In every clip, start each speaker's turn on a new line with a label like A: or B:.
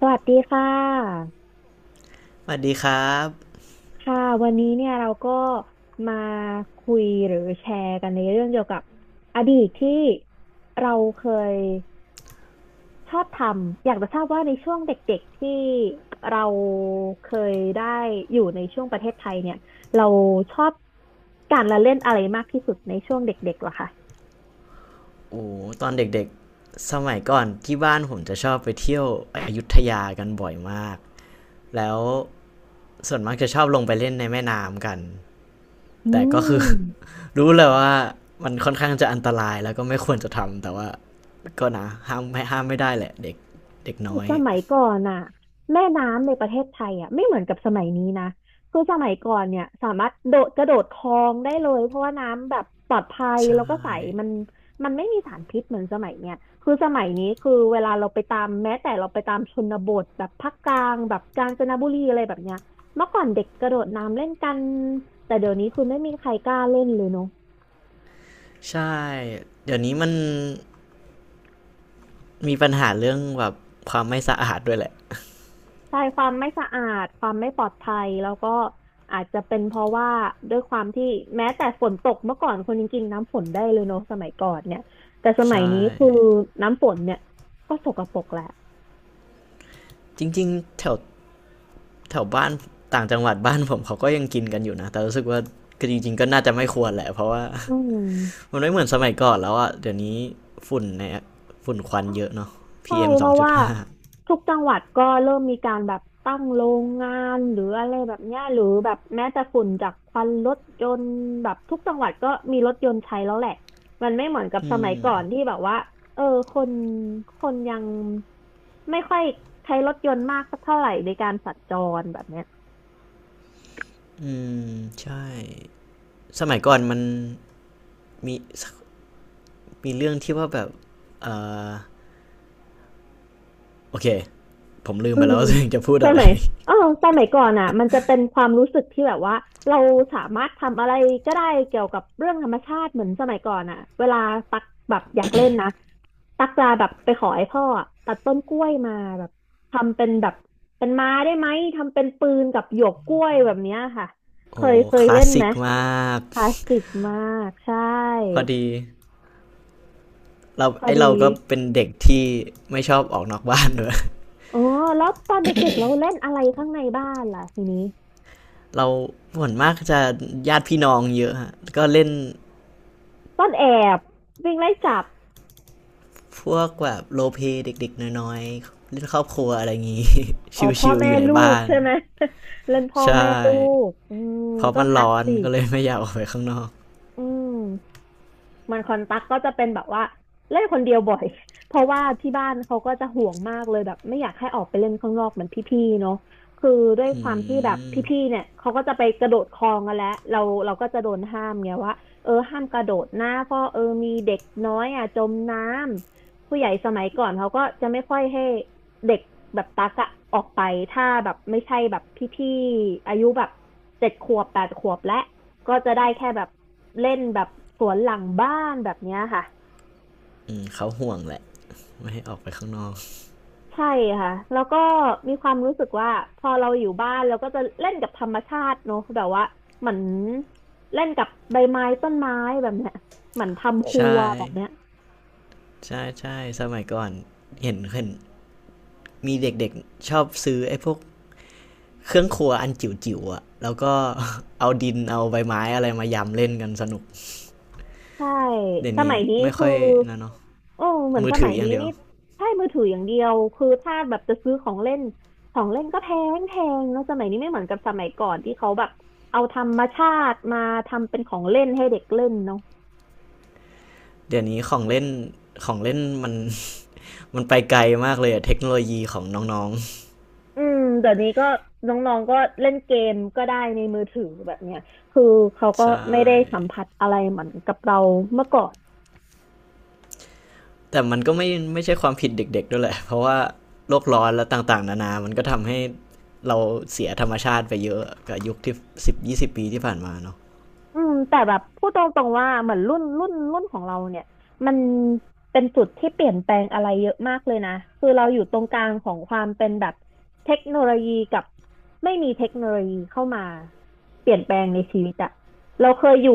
A: สวัสดีค่ะ
B: สวัสดีครับ
A: ค่ะวันนี้เนี่ยเราก็มาคุยหรือแชร์กันในเรื่องเกี่ยวกับอดีตที่เราเคยชอบทำอยากจะทราบว่าในช่วงเด็กๆที่เราเคยได้อยู่ในช่วงประเทศไทยเนี่ยเราชอบการละเล่นอะไรมากที่สุดในช่วงเด็กๆเหรอคะ
B: โอ้ตอนเด็กๆสมัยก่อนที่บ้านผมจะชอบไปเที่ยวอยุธยากันบ่อยมากแล้วส่วนมากจะชอบลงไปเล่นในแม่น้ำกัน
A: อื
B: แต่ก็คือ
A: ม
B: รู้เลยว่ามันค่อนข้างจะอันตรายแล้วก็ไม่ควรจะทำแต่ว่าก็นะห้ามไม่ได้แหละเด็กเด็กน้อย
A: สมัยก่อนน่ะแม่น้ำในประเทศไทยอ่ะไม่เหมือนกับสมัยนี้นะคือสมัยก่อนเนี่ยสามารถโดดกระโดดคลองได้เลยเพราะว่าน้ำแบบปลอดภัย
B: ใช่
A: แล้วก็ใสมันมันไม่มีสารพิษเหมือนสมัยเนี่ยคือสมัยนี้คือเวลาเราไปตามแม้แต่เราไปตามชนบทแบบภาคกลางแบบกาญจนบุรีอะไรแบบเนี้ยเมื่อก่อนเด็กกระโดดน้ำเล่นกันแต่เดี๋ยวนี้คือไม่มีใครกล้าเล่นเลยเนาะ
B: ใช่เดี๋ยวนี้มันมีปัญหาเรื่องแบบความไม่สะอาดด้วยแหละ
A: ใช่ความไม่สะอาดความไม่ปลอดภัยแล้วก็อาจจะเป็นเพราะว่าด้วยความที่แม้แต่ฝนตกเมื่อก่อนคนยังกินน้ำฝนได้เลยเนอะสมัยก่อนเนี่ยแต่สมัย
B: ใช่
A: นี้คือน้ำฝนเนี่ยก็สกปรกแหละ
B: จริงๆแถว แถวบ้านต่างจังหวัดบ้านผมเขาก็ยังกินกันอยู่นะแต่รู้สึกว่าก็จริงๆก็น่าจะไม่ควรแหละเพราะว่า
A: อืม
B: มันไม่เหมือนสมัยก่อนแล้วอ่ะเดี๋ยวนี้ฝุ่นในฝุ่นควันเยอะเนาะพี
A: ใช่
B: เอ m
A: เพ
B: 2.5อง
A: ราะ
B: จุด
A: ว่า
B: ห้า
A: ทุกจังหวัดก็เริ่มมีการแบบตั้งโรงงานหรืออะไรแบบเนี้ยหรือแบบแม้แต่ฝุ่นจากควันรถยนต์แบบทุกจังหวัดก็มีรถยนต์ใช้แล้วแหละมันไม่เหมือนกับสมัยก่อนที่แบบว่าเออคนคนยังไม่ค่อยใช้รถยนต์มากสักเท่าไหร่ในการสัญจรแบบเนี้ย
B: อืมใช่สมัยก่อนมันมีมีเรื่องที่ว่าแบบโอเคผมลืม
A: อื
B: ไปแล้
A: ม
B: วว่าตัวเองจะพูด
A: ส
B: อะไร
A: มัยเออสมัยก่อนอ่ะมันจะเป็นความรู้สึกที่แบบว่าเราสามารถทำอะไรก็ได้เกี่ยวกับเรื่องธรรมชาติเหมือนสมัยก่อนอ่ะเวลาตักแบบอยากเล่นนะตักจะแบบไปขอไอ้พ่ออะตัดต้นกล้วยมาแบบทำเป็นแบบเป็นไม้ได้ไหมทำเป็นปืนกับหยวกกล้วยแบบเนี้ยค่ะเค
B: โอ้
A: ยเค
B: ค
A: ย
B: ลา
A: เล่
B: ส
A: นไห
B: สิ
A: ม
B: กมาก
A: คลาสสิกมากใช่
B: พอดีเรา
A: พอ
B: ไอ
A: ดี
B: เราก็เป็นเด็กที่ไม่ชอบออกนอกบ้านด้วย
A: อ๋อแล้วตอนเด็กๆเราเล่นอะไรข้างในบ้านล่ะทีนี้
B: เราส่วนมากจะญาติพี่น้องเยอะฮะก็เล่น
A: ต้นแอบวิ่งไล่จับ
B: พวกแบบโรลเพลย์เด็กๆน้อยๆเล่นครอบครัวอะไรอย่างงี้
A: อ๋อพ่อ
B: ชิวๆ
A: แม่
B: อยู่ใน
A: ลูก
B: บ้าน
A: ใช่ไหม เล่นพ่อ
B: ใช่
A: แม่ลูกอืม
B: เพราะ
A: ก็
B: มัน
A: คลาส
B: ร้อน
A: สิ
B: ก็
A: ก
B: เลยไม่อยากออกไปข้างนอก
A: อืม มันคอนตักก็จะเป็นแบบว่าเล่นคนเดียวบ่อย เพราะว่าที่บ้านเขาก็จะห่วงมากเลยแบบไม่อยากให้ออกไปเล่นข้างนอกเหมือนพี่ๆเนาะคือด้วยความที่
B: อ
A: แบบพี่
B: ืม
A: ๆเนี่ยเขาก็จะไปกระโดดคลองกันแล้วเราก็จะโดนห้ามไงว่าห้ามกระโดดนะเพราะมีเด็กน้อยอ่ะจมน้ำผู้ใหญ่สมัยก่อนเขาก็จะไม่ค่อยให้เด็กแบบตักอะออกไปถ้าแบบไม่ใช่แบบพี่ๆอายุแบบเจ็ดขวบแปดขวบและ ก็จะได้แค่แบบเล่นแบบสวนหลังบ้านแบบเนี้ยค่ะ
B: อืมเขาห่วงแหละไม่ให้ออกไปข้างนอก
A: ใช่ค่ะแล้วก็มีความรู้สึกว่าพอเราอยู่บ้านเราก็จะเล่นกับธรรมชาติเนอะแบบว่าเหมือนเล่นกับใบไม้ต้นไม้แบบเนี้ยเหมือนทำครัว
B: ใช่
A: แบบเนี้ย
B: ใช่สมัยก่อนเห็นมีเด็กๆชอบซื้อไอ้พวกเครื่องครัวอันจิ๋วๆอะแล้วก็ เอาดินเอาใบไม้อะไรมายำเล่นกันสนุก
A: ใช่
B: เดี๋ยว
A: ส
B: นี้
A: มัยนี้
B: ไม่
A: คือ
B: ค่อยนะเนาะ
A: โอ้เหมือน
B: มือ
A: ส
B: ถื
A: มัย
B: ออย่า
A: นี้
B: งเดียว
A: นี่ใช่มือถืออย่างเดียวคือถ้าแบบจะซื้อของเล่นของเล่นก็แพงแพงเนอะสมัยนี้ไม่เหมือนกับสมัยก่อนที่เขาแบบเอาธรรมชาติมาทำเป็นของเล่นให้เด็กเล่นเนาะ
B: เดี๋ยวนี้ของเล่นมันไปไกลมากเลยอะเทคโนโลยีของน้อง
A: อืมเดี๋ยวนี้ก็น้องๆก็เล่นเกมก็ได้ในมือถือแบบเนี้ยคือเขา
B: ๆ
A: ก็
B: ใช
A: ไม่ได้สัม
B: ่
A: ผัสอะไรเหมือนกับเราเมื่อก่อน
B: แต่มันก็ไม่ใช่ความผิดเด็กๆด้วยแหละเพราะว่าโลกร้อนและต่างๆนานามันก็ทำให้เราเสียธรรมชาติไปเยอะกับยุคที่10-20 ปีที่ผ่านมาเนาะ
A: อืมแต่แบบพูดตรงๆว่าเหมือนรุ่นของเราเนี่ยมันเป็นจุดที่เปลี่ยนแปลงอะไรเยอะมากเลยนะคือเราอยู่ตรงกลางของความเป็นแบบเทคโนโลยีกับไม่มีเทคโนโลยีเข้ามาเปลี่ยนแปลงในชีวิตอะเราเคยอยู่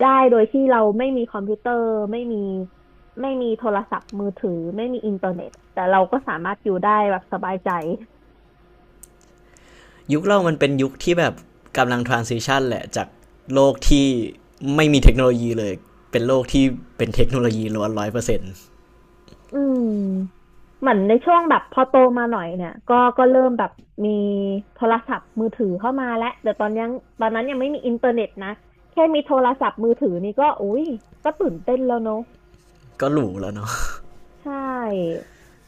A: ได้โดยที่เราไม่มีคอมพิวเตอร์ไม่มีไม่มีโทรศัพท์มือถือไม่มีอินเทอร์เน็ตแต่เราก็สามารถอยู่ได้แบบสบายใจ
B: ยุคเรามันเป็นยุคที่แบบกำลัง transition แหละจากโลกที่ไม่มีเทคโนโลยีเลยเป็นโลกที่เป็นเทคโนโลยีล้วนร้อยเปอร์เซ็นต์
A: อืมเหมือนในช่วงแบบพอโตมาหน่อยเนี่ยก็เริ่มแบบมีโทรศัพท์มือถือเข้ามาแล้วแต่ตอนนั้นยังไม่มีอินเทอร์เน็ตนะแค่มีโทรศัพท์มือถือนี่ก็อุ้ยก็ตื่นเต้นแล้วเนอะ
B: ก็หรูแล้วเนาะ
A: ใช่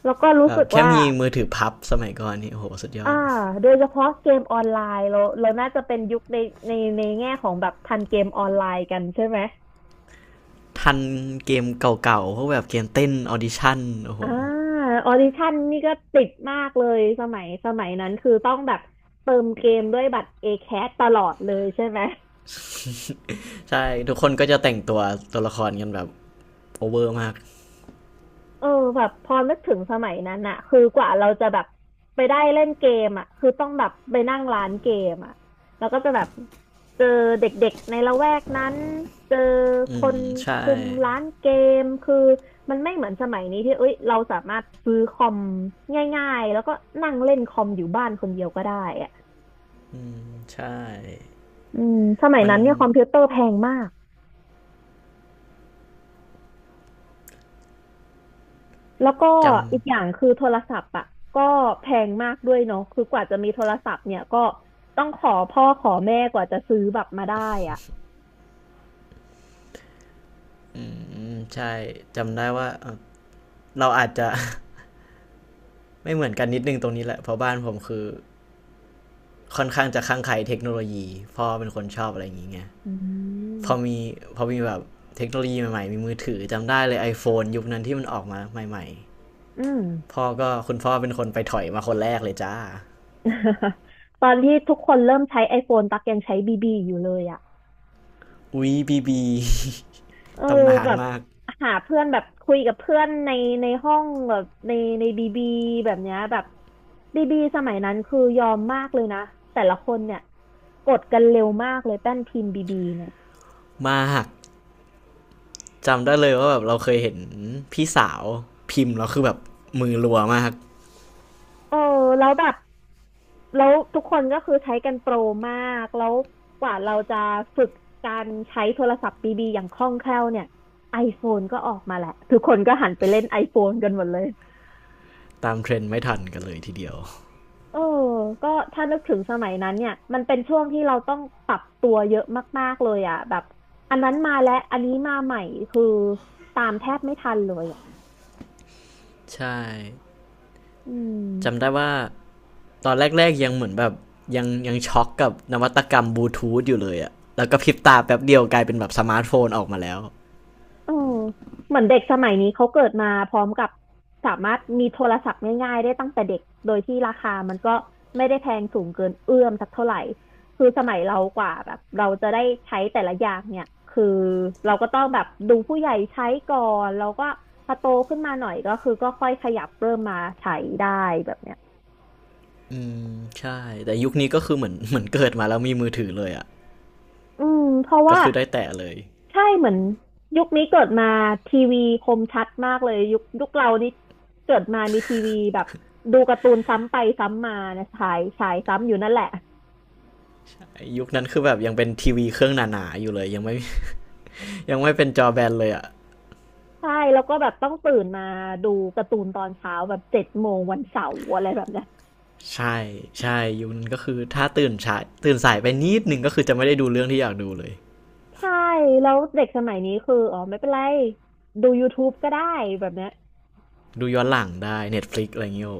A: แล้วก็รู้
B: แบ
A: สึ
B: บ
A: ก
B: แค่
A: ว่า
B: มีมือถือพับสมัยก่อนนี่โอ้โหสุดยอ
A: อ่า
B: ด
A: โดยเฉพาะเกมออนไลน์เราน่าจะเป็นยุคในแง่ของแบบทันเกมออนไลน์กันใช่ไหม
B: ทันเกมเก่าๆพวกแบบเกมเต้นออดิชั่นโอ้โห
A: อ่าออดิชั่นนี่ก็ติดมากเลยสมัยนั้นคือต้องแบบเติมเกมด้วยบัตร ACAT ตลอดเลยใช่ไหม
B: ใช่ ทุกคนก็จะแต่งตัวตัวละครกันแบบโอเวอร์มาก
A: เออแบบพอนึกถึงสมัยนั้นอะคือกว่าเราจะแบบไปได้เล่นเกมอะคือต้องแบบไปนั่งร้านเกมอะแล้วก็จะแบบเจอเด็กๆในละแวกนั้นเจอค
B: อืม
A: น
B: ใช่
A: คุมร้านเกมคือมันไม่เหมือนสมัยนี้ที่เอ้ยเราสามารถซื้อคอมง่ายๆแล้วก็นั่งเล่นคอมอยู่บ้านคนเดียวก็ได้อะ
B: ใช่
A: อืมสมัย
B: มัน
A: นั้นเนี่ยคอมพิวเตอร์แพงมาก แล้วก็
B: จ
A: อีกอย่างคือโทรศัพท์อ่ะก็แพงมากด้วยเนาะคือกว่าจะมีโทรศัพท์เนี่ยก็ต้องขอพ่อขอแม่กว่าจะซื้อแบบมาได้อ่ะ
B: ำ อืมใช่ จำได้ว่าเราอาจจะ ไม่เหมือนกันนิดนึงตรงนี้แหละเพราะบ้านผมคือค่อนข้างจะข้างใครเทคโนโลยี พ่อเป็นคนชอบอะไรอย่างเงี้ย
A: อืม
B: พอมีพอมีแบบเทคโนโลยีใหม่ๆ มีมือถือจำได้เลย iPhone ยุคนั้นที่มันออกมาใหม่
A: อืม
B: ๆพ่อก็คุณพ่อเป็นคนไปถอยมาคนแรกเลยจ้า
A: ตอนที่ทุกคนเริ่มใช้ iPhone ตักยังใช้บีบีอยู่เลยอ่ะ
B: อุ๊ยบีบี
A: เออ
B: ตำนา
A: แบ
B: น
A: บ
B: มาก
A: หาเพื่อนแบบคุยกับเพื่อนในห้องแบบในบีบีแบบเนี้ยแบบบีบีสมัยนั้นคือยอมมากเลยนะแต่ละคนเนี่ยกดกันเร็วมากเลยแป้นพิมพ์บีบีเนี่ย
B: มากจำได้เลยว่าแบบเราเคยเห็นพี่สาวพิมพ์แล้วคือแบบมือรัวมาก
A: เออแล้วแบบแล้วทุกคนก็คือใช้กันโปรมากแล้วกว่าเราจะฝึกการใช้โทรศัพท์บีบีอย่างคล่องแคล่วเนี่ย iPhone ก็ออกมาแหละทุกคนก็หันไปเล่น iPhone กันหมดเลย
B: ตามเทรนด์ไม่ทันกันเลยทีเดียว
A: เออก็ถ้านึกถึงสมัยนั้นเนี่ย มันเป็นช่วงที่เราต้องปรับตัวเยอะมากๆเลยอ่ะแบบอันนั้นมาแล้ว อันนี้มาใหม่ คือตามแทบไม่ทันเลยอ่ะ
B: ใช่
A: อื
B: จำ
A: ม
B: ได้ว่าตอนแรกๆยังเหมือนแบบยังช็อกกับนวัตกรรมบลูทูธอยู่เลยอะแล้วก็พริบตาแป๊บเดียวกลายเป็นแบบสมาร์ทโฟนออกมาแล้ว
A: เออเหมือนเด็กสมัยนี้เขาเกิดมาพร้อมกับสามารถมีโทรศัพท์ง่ายๆได้ตั้งแต่เด็กโดยที่ราคามันก็ไม่ได้แพงสูงเกินเอื้อมสักเท่าไหร่คือสมัยเรากว่าแบบเราจะได้ใช้แต่ละอย่างเนี่ยคือเราก็ต้องแบบดูผู้ใหญ่ใช้ก่อนเราก็พอโตขึ้นมาหน่อยก็คือก็ค่อยขยับเริ่มมาใช้ได้แบบเนี้ย
B: ใช่แต่ยุคนี้ก็คือเหมือนเกิดมาแล้วมีมือถือเลยอะ
A: อืมเพราะ
B: ก็
A: ว่า
B: คือได้แตะเลย
A: ใช่เหมือนยุคนี้เกิดมาทีวีคมชัดมากเลยยุคเรานี่เกิดมามีทีวีแบบดูการ์ตูนซ้ำไปซ้ำมานะฉายซ้ำอยู่นั่นแหละ
B: ยุคนั้นคือแบบยังเป็นทีวีเครื่องหนาๆอยู่เลยยังไม่เป็นจอแบนเลยอะ
A: ใช่แล้วก็แบบต้องตื่นมาดูการ์ตูนตอนเช้าแบบ7 โมงวันเสาร์อะไรแบบเนี้ย
B: ใช่ใช่ยุคนั้นก็คือถ้าตื่นสายไปนิดหนึ่งก็คือจะไม่ได้ดูเรื่องที่อยากดูเลย
A: ใช่แล้วเด็กสมัยนี้คืออ๋อไม่เป็นไรดู YouTube ก็ได้แบบเนี้ย
B: ดูย้อนหลังได้ Netflix อะไรอย่างเงี้ยโอ้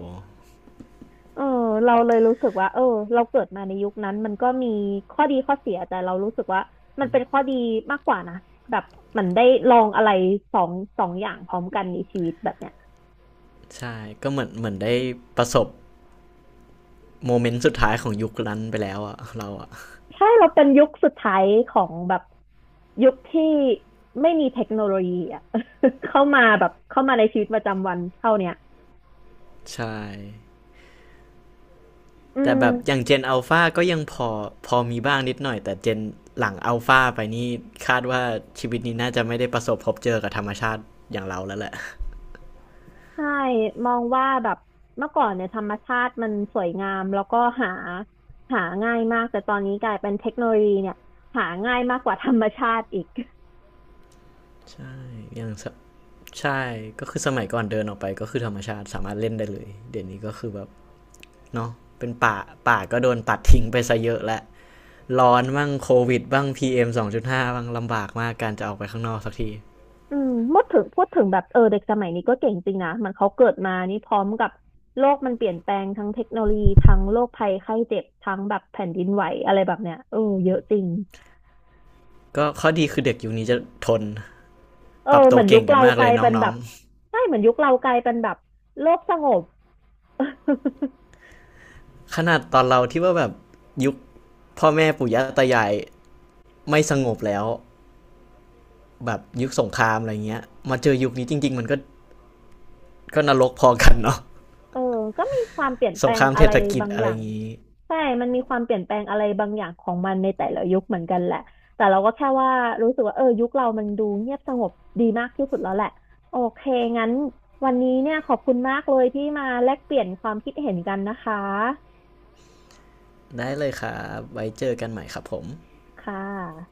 A: เออเราเลยรู้สึกว่าเออเราเกิดมาในยุคนั้นมันก็มีข้อดีข้อเสียแต่เรารู้สึกว่ามันเป็นข้อดีมากกว่านะแบบเหมันได้ลองอะไรสองสองอย่างพร้อมกันในชีวิตแบบเนี้ย
B: ใช่ก็เหมือนได้ประสบโมเมนต์สุดท้ายของยุคนั้นไปแล้วอะเราอะ
A: ใช่เราเป็นยุคสุดท้ายของแบบยุคที่ไม่มีเทคโนโลยีอ่ะ เข้ามาแบบเข้ามาในชีวิตประจำวันเท่าเนี้ย
B: ใช่
A: อื
B: แต่
A: ม
B: แบบอย่างเจนอัลฟาก็ยังพอมีบ้างนิดหน่อยแต่เจนหลังอัลฟาไปนี่คาดว่าชีวิตนี้น่าจะไม่ได้ประสบพบเจอกับธรรมชาติอย่างเราแล้วแหละ
A: ใช่มองว่าแบบเมื่อก่อนเนี่ยธรรมชาติมันสวยงามแล้วก็หาหาง่ายมากแต่ตอนนี้กลายเป็นเทคโนโลยีเนี่ยหาง่ายมากกว่าธรรมชาติอีก
B: ใช่ยังใช่ก็คือสมัยก่อนเดินออกไปก็คือธรรมชาติสามารถเล่นได้เลยเดี๋ยวนี้ก็คือแบบ เนาะเป็นป่า ป่าก็โดนตัดทิ้งไปซะเยอะและ ร้อนบ้างโควิดบ้าง PM 2.5บ้างลำบากมากการจะออกไปข้างนอกสักที
A: อืมพูดถึงแบบเออเด็กสมัยนี้ก็เก่งจริงนะมันเขาเกิดมานี่พร้อมกับโลกมันเปลี่ยนแปลงทั้งเทคโนโลยีทั้งโรคภัยไข้เจ็บทั้งแบบแผ่นดินไหวอะไรแบบเนี้ยเออเยอะจริง
B: ก็ข้อดีคือเด็กยุคนี้จะทน
A: เอ
B: ปรับ
A: อเห
B: ตั
A: มื
B: ว
A: อนยุ
B: เก่
A: ค
B: งกัน
A: เรา
B: มาก
A: ก
B: เล
A: ลา
B: ย
A: ยเป็น
B: น้
A: แบ
B: อ
A: บ
B: ง
A: ใช่เหมือนยุคเรากลายเป็นแบบโลกสงบ
B: ๆขนาดตอนเราที่ว่าแบบยุคพ่อแม่ปู่ย่าตายายไม่สงบแล้วแบบยุคสงครามอะไรเงี้ย มาเจอยุคนี้จริงๆมันก็ก็นรกพอกันเนาะ
A: เออก็มีความเปลี่ยนแป
B: ส
A: ล
B: งค
A: ง
B: ราม
A: อะ
B: เศร
A: ไร
B: ษฐกิจ
A: บาง
B: อะ
A: อ
B: ไร
A: ย่า
B: อ
A: ง
B: ย่างงี้
A: ใช่มันมีความเปลี่ยนแปลงอะไรบางอย่างของมันในแต่ละยุคเหมือนกันแหละแต่เราก็แค่ว่ารู้สึกว่าเออยุคเรามันดูเงียบสงบดีมากที่สุดแล้วแหละโอเคงั้นวันนี้เนี่ยขอบคุณมากเลยที่มาแลกเปลี่ยนความคิดเห็นกันนะคะ
B: ได้เลยครับไว้เจอกันใหม่ครับผม
A: ค่ะ